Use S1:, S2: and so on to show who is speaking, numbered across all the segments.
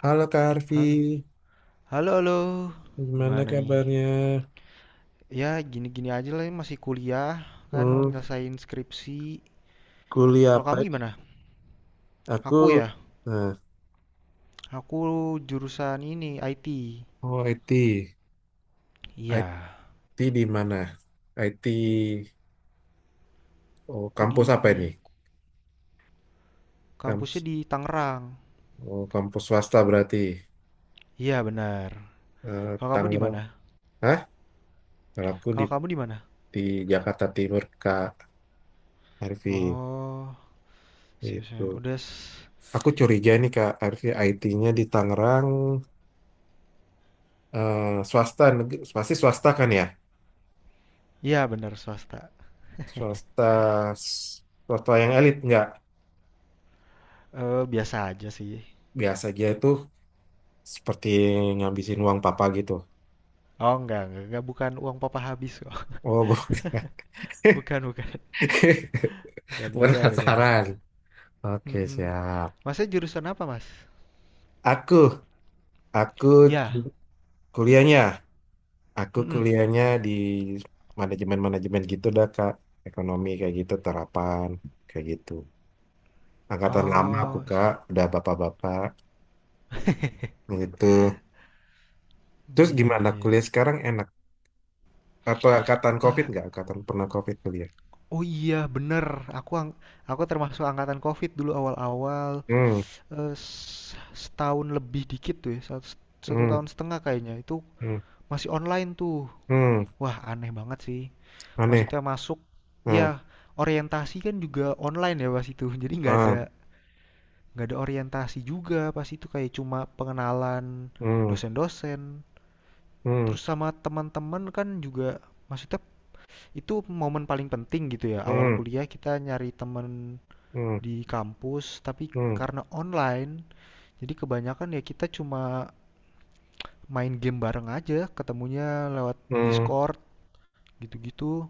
S1: Halo Kak Arfi,
S2: Halo, halo halo.
S1: gimana
S2: Gimana nih?
S1: kabarnya?
S2: Ya gini-gini aja lah masih kuliah kan
S1: Hmm,
S2: nyelesain skripsi.
S1: kuliah
S2: Kalau
S1: apa
S2: kamu
S1: ini?
S2: gimana?
S1: Aku,
S2: Aku ya,
S1: nah,
S2: aku jurusan ini IT.
S1: oh IT,
S2: Iya,
S1: IT di mana? IT, oh
S2: aku di
S1: kampus apa ini?
S2: kampusnya
S1: Kampus,
S2: di Tangerang.
S1: oh kampus swasta berarti.
S2: Iya benar.
S1: Eh,
S2: Kalau kamu di
S1: Tangerang,
S2: mana?
S1: hah? Kalau aku di
S2: Kalau kamu di mana?
S1: di Jakarta Timur Kak Arfi,
S2: Oh, siap, siap.
S1: itu.
S2: Udah.
S1: Aku curiga nih Kak Arfi, IT-nya di Tangerang, eh, swasta, pasti swasta kan ya?
S2: Iya benar swasta.
S1: Swasta, swasta yang elit nggak?
S2: Eh, biasa aja sih.
S1: Biasa aja itu seperti ngabisin uang papa gitu.
S2: Oh, enggak, bukan uang papa habis kok.
S1: Oh, bukan.
S2: Bukan, bukan. Bukan, beda, beda, beda.
S1: Penasaran. Oke,
S2: Mm-mm.
S1: siap.
S2: Masnya jurusan apa, Mas?
S1: Aku, aku
S2: Ya,
S1: cu- kuliahnya, aku
S2: mhm,
S1: kuliahnya
S2: bener.
S1: di manajemen-manajemen gitu dah, Kak. Ekonomi kayak gitu, terapan kayak gitu. Angkatan lama aku,
S2: Oh,
S1: Kak, udah bapak-bapak gitu. Terus
S2: iya, iya,
S1: gimana
S2: iya, iya.
S1: kuliah sekarang enak? Atau angkatan COVID
S2: Eee,
S1: nggak? Angkatan pernah COVID kuliah?
S2: oh, iya bener, aku ang aku termasuk angkatan COVID dulu awal-awal,
S1: Hmm,
S2: setahun lebih dikit tuh ya, satu satu
S1: hmm,
S2: tahun setengah kayaknya, itu
S1: hmm,
S2: masih online tuh.
S1: hmm,
S2: Wah, aneh banget sih,
S1: aneh.
S2: maksudnya masuk ya
S1: Hmm.
S2: orientasi kan juga online ya pas itu, jadi nggak ada
S1: Ah.
S2: nggak ada orientasi juga pas itu, kayak cuma pengenalan
S1: Hmm,
S2: dosen-dosen.
S1: hmm,
S2: Terus sama teman-teman kan juga maksudnya itu momen paling penting gitu ya. Awal
S1: hmm,
S2: kuliah kita nyari teman
S1: อืม
S2: di kampus, tapi
S1: อืม
S2: karena online, jadi kebanyakan ya kita cuma main game bareng aja, ketemunya lewat Discord gitu-gitu.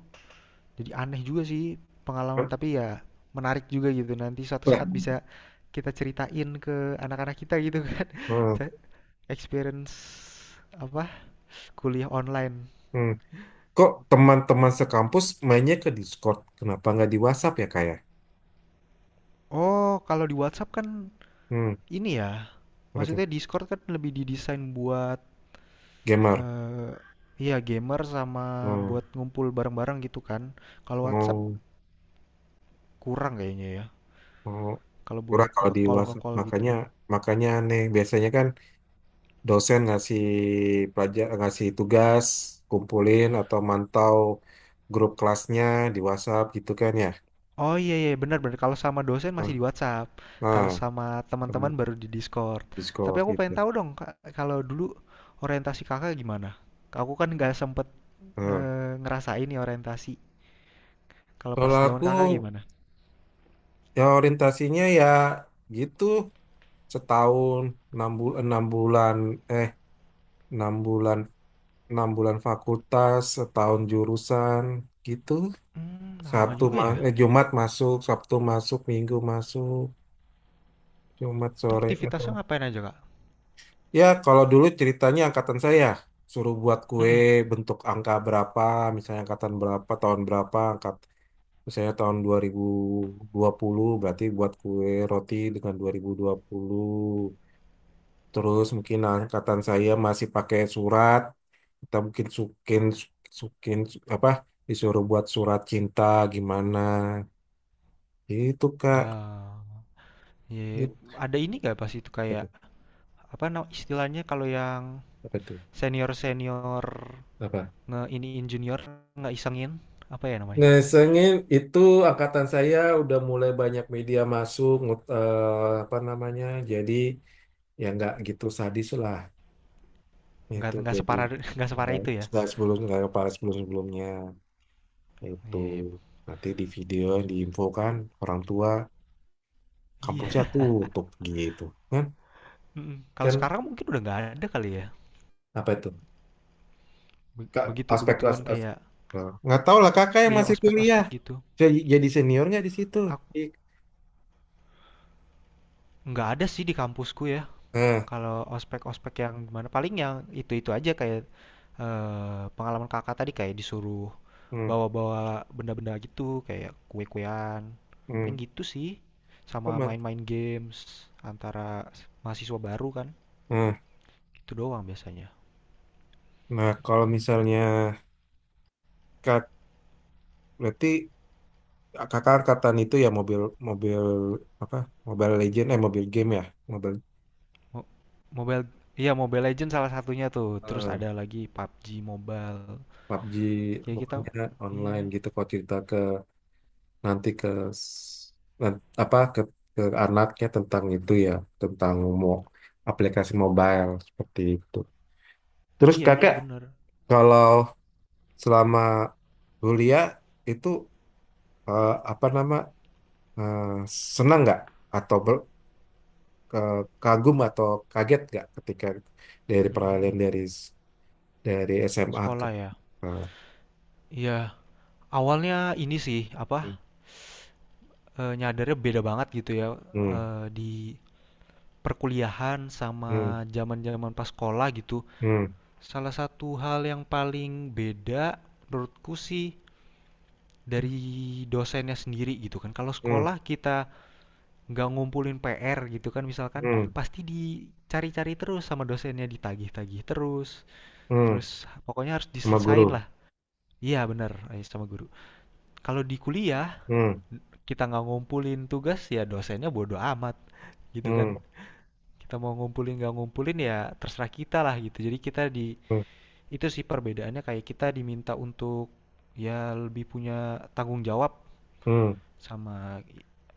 S2: Jadi aneh juga sih pengalaman,
S1: อืมLah,
S2: tapi ya menarik juga gitu. Nanti suatu saat bisa kita ceritain ke anak-anak kita gitu kan.
S1: hmm,
S2: Experience apa? Kuliah online.
S1: hmm. Kok teman-teman sekampus mainnya ke Discord? Kenapa nggak di WhatsApp ya kayak?
S2: Oh, kalau di WhatsApp kan
S1: Hmm,
S2: ini ya,
S1: apa tuh?
S2: maksudnya Discord kan lebih didesain buat
S1: Gamer.
S2: eh iya gamer sama
S1: Hmm,
S2: buat ngumpul bareng-bareng gitu kan. Kalau WhatsApp
S1: oh,
S2: kurang kayaknya ya.
S1: oh.
S2: Kalau
S1: Kurang
S2: buat
S1: kalau di
S2: nge-call
S1: WhatsApp.
S2: nge-call gitu.
S1: Makanya aneh. Biasanya kan dosen ngasih pelajar, ngasih tugas, kumpulin atau mantau grup kelasnya di WhatsApp gitu kan ya.
S2: Oh, iya, iya, benar, benar, kalau sama dosen masih
S1: Nah,
S2: di WhatsApp, kalau
S1: nah,
S2: sama
S1: hmm,
S2: teman-teman baru di Discord. Tapi
S1: Discord
S2: aku pengen
S1: gitu.
S2: tahu dong Kak, kalau dulu orientasi Kakak gimana? Aku kan nggak sempet
S1: Nah,
S2: ngerasain nih orientasi. Kalau pas
S1: kalau
S2: zaman
S1: aku
S2: Kakak gimana?
S1: ya orientasinya ya gitu setahun 6 bulan 6 bulan eh 6 bulan 6 bulan fakultas setahun jurusan gitu.
S2: Hmm, lama juga ya.
S1: Jumat masuk Sabtu masuk Minggu masuk Jumat
S2: Itu
S1: sore atau
S2: aktivitasnya ngapain aja,
S1: ya kalau dulu ceritanya angkatan saya suruh buat kue
S2: Kak?
S1: bentuk angka berapa misalnya angkatan berapa tahun berapa misalnya tahun 2020 berarti buat kue roti dengan 2020. Terus mungkin angkatan saya masih pakai surat, kita mungkin sukin sukin su- apa disuruh buat surat cinta gimana. Itu Kak.
S2: Ah, ya. Ada ini gak pas itu
S1: Apa
S2: kayak
S1: tuh?
S2: apa nama istilahnya, kalau yang
S1: Apa tuh?
S2: senior senior
S1: Apa?
S2: ngeiniin junior nggak isengin apa ya namanya?
S1: Nah, sengin itu angkatan saya udah mulai banyak media masuk apa namanya. Jadi ya nggak gitu sadis lah.
S2: Nggak
S1: Itu
S2: nggak
S1: jadi
S2: separah nggak separah
S1: nggak
S2: itu ya?
S1: nggak sebelum nggak kepala sebelum sebelumnya itu
S2: Iya, iya,
S1: nanti di video
S2: bagus, bagus.
S1: diinfokan orang tua kampusnya
S2: Iya.
S1: tutup gitu kan.
S2: Mm-mm. Kalau
S1: Kan
S2: sekarang mungkin udah nggak ada kali ya.
S1: apa itu? Kak,
S2: Begitu
S1: aspek
S2: begituan kayak
S1: nggak tahu lah kakak yang
S2: iya
S1: masih
S2: ospek
S1: kuliah
S2: ospek gitu.
S1: jadi seniornya di situ
S2: Aku
S1: I-
S2: nggak ada sih di kampusku ya.
S1: nah,
S2: Kalau ospek-ospek yang gimana? Paling yang itu-itu aja kayak pengalaman kakak tadi kayak disuruh
S1: hmm,
S2: bawa-bawa benda-benda gitu kayak kue-kuean. Paling
S1: hmm.
S2: gitu sih. Sama
S1: Kok mas-
S2: main-main games antara mahasiswa baru kan.
S1: nah,
S2: Itu doang biasanya.
S1: nah, kalau misalnya kak berarti kakak angkatan itu ya mobil mobil apa Mobile Legend eh mobil game ya mobil
S2: Mo- Mobile. Iya, Mobile Legends salah satunya tuh. Terus
S1: eh,
S2: ada lagi PUBG Mobile.
S1: PUBG
S2: Ya kita
S1: pokoknya online
S2: iya,
S1: gitu kalau cerita nanti ke s- apa ke anaknya tentang itu ya tentang mau aplikasi mobile seperti itu. Terus
S2: iya
S1: kakak
S2: bener.
S1: kalau selama kuliah itu eh, apa nama eh, senang nggak atau kagum atau kaget nggak ketika dari
S2: Mm, mm,
S1: peralihan
S2: mm.
S1: dari dari SMA ke
S2: Sekolah ya.
S1: ke- eh,
S2: Iya, awalnya ini sih apa, nyadarnya beda banget gitu ya,
S1: hmm,
S2: di perkuliahan sama
S1: hmm,
S2: zaman-zaman pas sekolah gitu.
S1: hmm, hmm,
S2: Salah satu hal yang paling beda menurutku sih dari dosennya sendiri gitu kan. Kalau
S1: hmm,
S2: sekolah kita nggak ngumpulin PR gitu kan misalkan,
S1: hmm,
S2: pasti dicari-cari terus sama dosennya, ditagih-tagih terus,
S1: hmm,
S2: terus pokoknya harus
S1: sama
S2: diselesain
S1: guru.
S2: lah. Iya bener, sama guru. Kalau di kuliah,
S1: Hmm,
S2: kita nggak ngumpulin tugas ya dosennya bodo amat gitu kan.
S1: hmm,
S2: Kita mau ngumpulin nggak ngumpulin ya terserah kita lah gitu, jadi kita
S1: hmm,
S2: itu sih perbedaannya kayak kita diminta untuk ya lebih punya tanggung jawab
S1: hmm.
S2: sama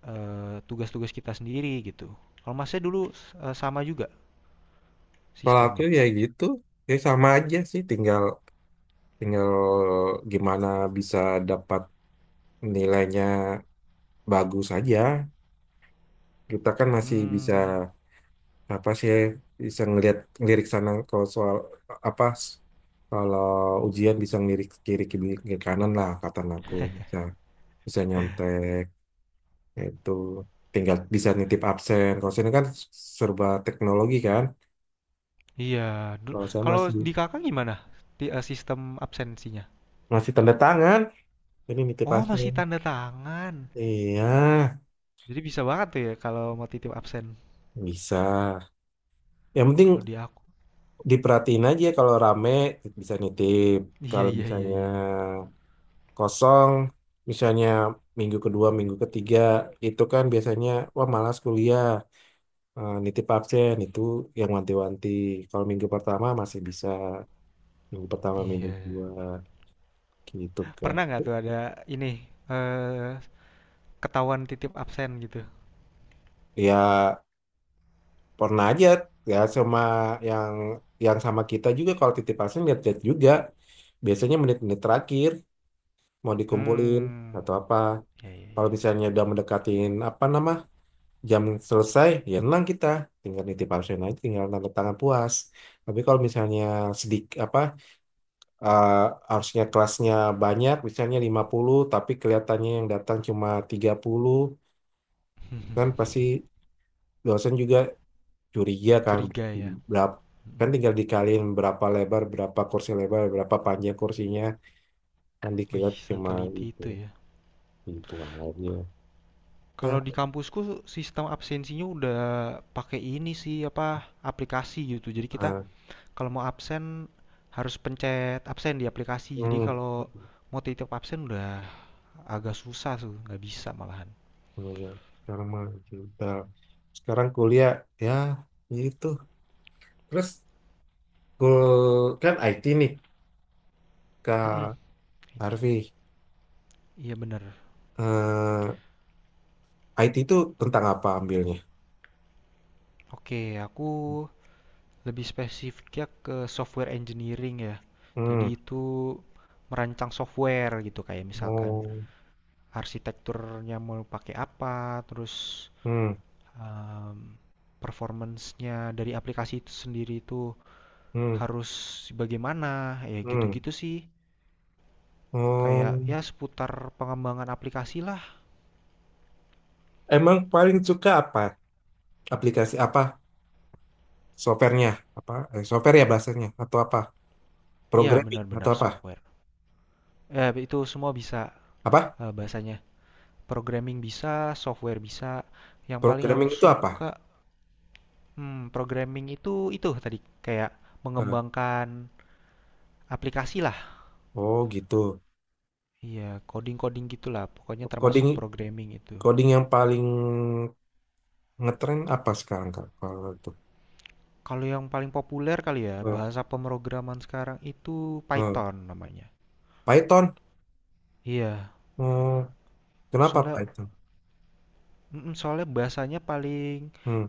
S2: tugas-tugas kita sendiri gitu. Kalau masnya dulu sama juga
S1: Kalau aku
S2: sistemnya?
S1: ya gitu, ya sama aja sih, tinggal tinggal gimana bisa dapat nilainya bagus aja. Kita kan masih bisa
S2: Hmm.
S1: apa sih bisa ngelihat lirik sana kalau soal apa s- kalau ujian bisa ngelirik kiri kiri kiri kanan lah kata aku bisa bisa nyontek itu tinggal bisa nitip absen. Kalau sini kan serba teknologi kan.
S2: Iya dulu,
S1: Kalau saya
S2: kalau
S1: masih
S2: di kakak gimana, sistem absensinya?
S1: masih tanda tangan, jadi nitip
S2: Oh, masih
S1: absen.
S2: tanda tangan,
S1: Iya.
S2: jadi bisa banget tuh ya kalau mau titip absen.
S1: Bisa. Yang penting
S2: Kalau di aku
S1: diperhatiin aja kalau rame bisa nitip.
S2: iya,
S1: Kalau
S2: iya, iya,
S1: misalnya
S2: iya, iya.
S1: kosong, misalnya minggu kedua, minggu ketiga, itu kan biasanya wah malas kuliah, eh, nitip absen itu yang wanti-wanti. Kalau minggu pertama masih bisa, minggu pertama, minggu
S2: Iya.
S1: kedua gitu kan.
S2: Pernah nggak tuh ada ini, eee, ketahuan titip absen gitu?
S1: Ya pernah aja ya sama yang yang sama kita juga kalau titip absen lihat-lihat juga. Biasanya menit-menit terakhir mau dikumpulin
S2: Hmm,
S1: atau apa.
S2: ya, ya,
S1: Kalau
S2: ya.
S1: misalnya udah mendekatin apa nama jam selesai, ya tenang kita tinggal nitip absen aja, tinggal tanda tangan puas. Tapi kalau misalnya sedik apa eh, harusnya kelasnya banyak, misalnya 50, tapi kelihatannya yang datang cuma 30, kan pasti dosen juga curiga kan
S2: Curiga ya?
S1: berapa kan
S2: Mhm.
S1: tinggal dikaliin berapa lebar, berapa kursi lebar, berapa panjang kursinya, kan dikira
S2: Wih,
S1: cuma
S2: seteliti
S1: itu,
S2: itu ya.
S1: itu aja. Ya,
S2: Kalau di kampusku sistem absensinya udah pakai ini sih, apa, aplikasi gitu. Jadi kita
S1: eh,
S2: kalau mau absen harus pencet absen di aplikasi. Jadi
S1: hmm.
S2: kalau mau titip absen udah agak susah tuh, nggak bisa malahan.
S1: Iya, iya. Sekarang mah kita sekarang kuliah ya itu. Terus kan IT nih
S2: Mhm,
S1: Kak
S2: IT.
S1: Harvey.
S2: Iya bener.
S1: Eh, IT itu tentang apa ambilnya?
S2: Oke, lebih spesifiknya ke software engineering ya. Jadi
S1: Hmm.
S2: itu merancang software gitu kayak misalkan
S1: Oh.
S2: arsitekturnya mau pakai apa, terus
S1: Hmm.
S2: em, performance-nya dari aplikasi itu sendiri itu
S1: Hmm.
S2: harus bagaimana, ya
S1: Hmm.
S2: gitu-gitu sih. Kayak
S1: Oh.
S2: ya seputar pengembangan aplikasi lah.
S1: Emang paling suka apa? Aplikasi apa? Softwarenya apa? Eh, software ya bahasanya atau apa?
S2: Ya
S1: Programming atau
S2: benar-benar
S1: apa?
S2: software. Eh, itu semua bisa
S1: Apa?
S2: bahasanya. Programming bisa, software bisa. Yang paling aku
S1: Programming itu apa?
S2: suka. Hmm, programming itu tadi kayak
S1: Nah,
S2: mengembangkan aplikasi lah.
S1: oh gitu.
S2: Iya, coding-coding gitulah. Pokoknya
S1: Coding
S2: termasuk programming itu.
S1: coding yang paling ngetren apa sekarang Kak? Kalau itu
S2: Kalau yang paling populer kali ya,
S1: Eh,
S2: bahasa pemrograman sekarang itu
S1: eh,
S2: Python namanya.
S1: Python.
S2: Iya,
S1: Hmm, kenapa
S2: soalnya
S1: Python?
S2: soalnya bahasanya paling
S1: Hmm,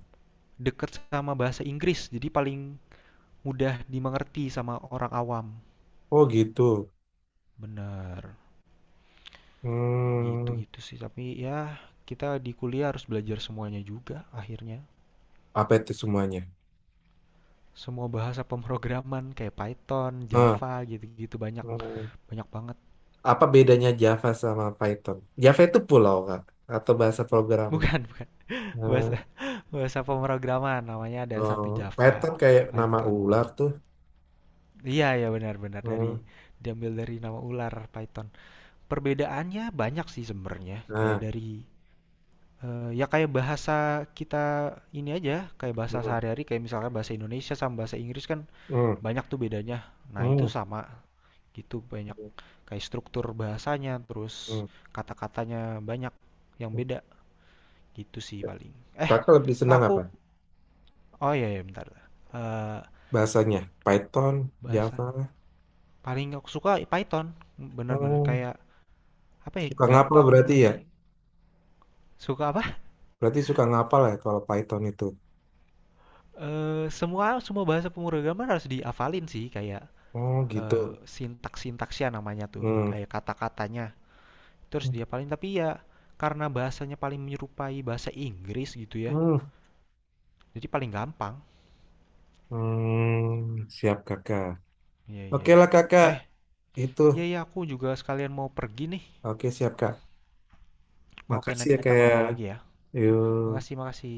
S2: deket sama bahasa Inggris, jadi paling mudah dimengerti sama orang awam.
S1: oh gitu.
S2: Bener, ya
S1: Hmm,
S2: gitu-gitu sih. Tapi ya kita di kuliah harus belajar semuanya juga akhirnya.
S1: apa itu semuanya?
S2: Semua bahasa pemrograman kayak Python,
S1: Eh,
S2: Java gitu-gitu banyak,
S1: hmm,
S2: banyak banget.
S1: apa bedanya Java sama Python? Java itu pulau Kak atau bahasa programming?
S2: Bukan, bukan.
S1: Eh,
S2: Bahasa bahasa pemrograman namanya ada
S1: oh,
S2: satu Java,
S1: Python kayak nama
S2: Python.
S1: ular tuh.
S2: Iya, ya benar-benar
S1: Hmm,
S2: diambil dari nama ular Python. Perbedaannya banyak sih sebenarnya. Kayak
S1: nah,
S2: ya kayak bahasa kita ini aja, kayak bahasa
S1: hmm,
S2: sehari-hari kayak misalkan bahasa Indonesia sama bahasa Inggris kan
S1: hmm,
S2: banyak tuh bedanya. Nah, itu
S1: hmm,
S2: sama gitu banyak kayak struktur bahasanya terus
S1: hmm.
S2: kata-katanya banyak yang
S1: Hmm.
S2: beda gitu sih paling. eh
S1: Kakak lebih senang
S2: Kak,
S1: apa?
S2: oh iya ya bentar. Eh,
S1: Bahasanya Python,
S2: bahasa
S1: Java.
S2: paling aku suka Python, bener-bener
S1: Oh,
S2: kayak apa ya
S1: suka ngapel berarti
S2: gampang
S1: ya?
S2: di suka apa.
S1: Berarti suka ngapal ya kalau Python itu.
S2: Semua semua bahasa pemrograman harus dihafalin sih kayak
S1: Oh
S2: eh,
S1: gitu.
S2: sintaks-sintaksnya namanya tuh
S1: Hmm.
S2: kayak kata-katanya terus dia paling, tapi ya karena bahasanya paling menyerupai bahasa Inggris gitu ya
S1: Hmm.
S2: jadi paling gampang.
S1: Hmm. Siap kakak.
S2: Iya, iya,
S1: Oke lah
S2: iya.
S1: kakak.
S2: Eh,
S1: Itu.
S2: iya, iya, aku juga sekalian mau pergi nih.
S1: Oke siap kak.
S2: Oke,
S1: Makasih
S2: nanti
S1: ya
S2: kita
S1: kayak.
S2: ngobrol lagi ya. Makasih,
S1: Yuk.
S2: makasih.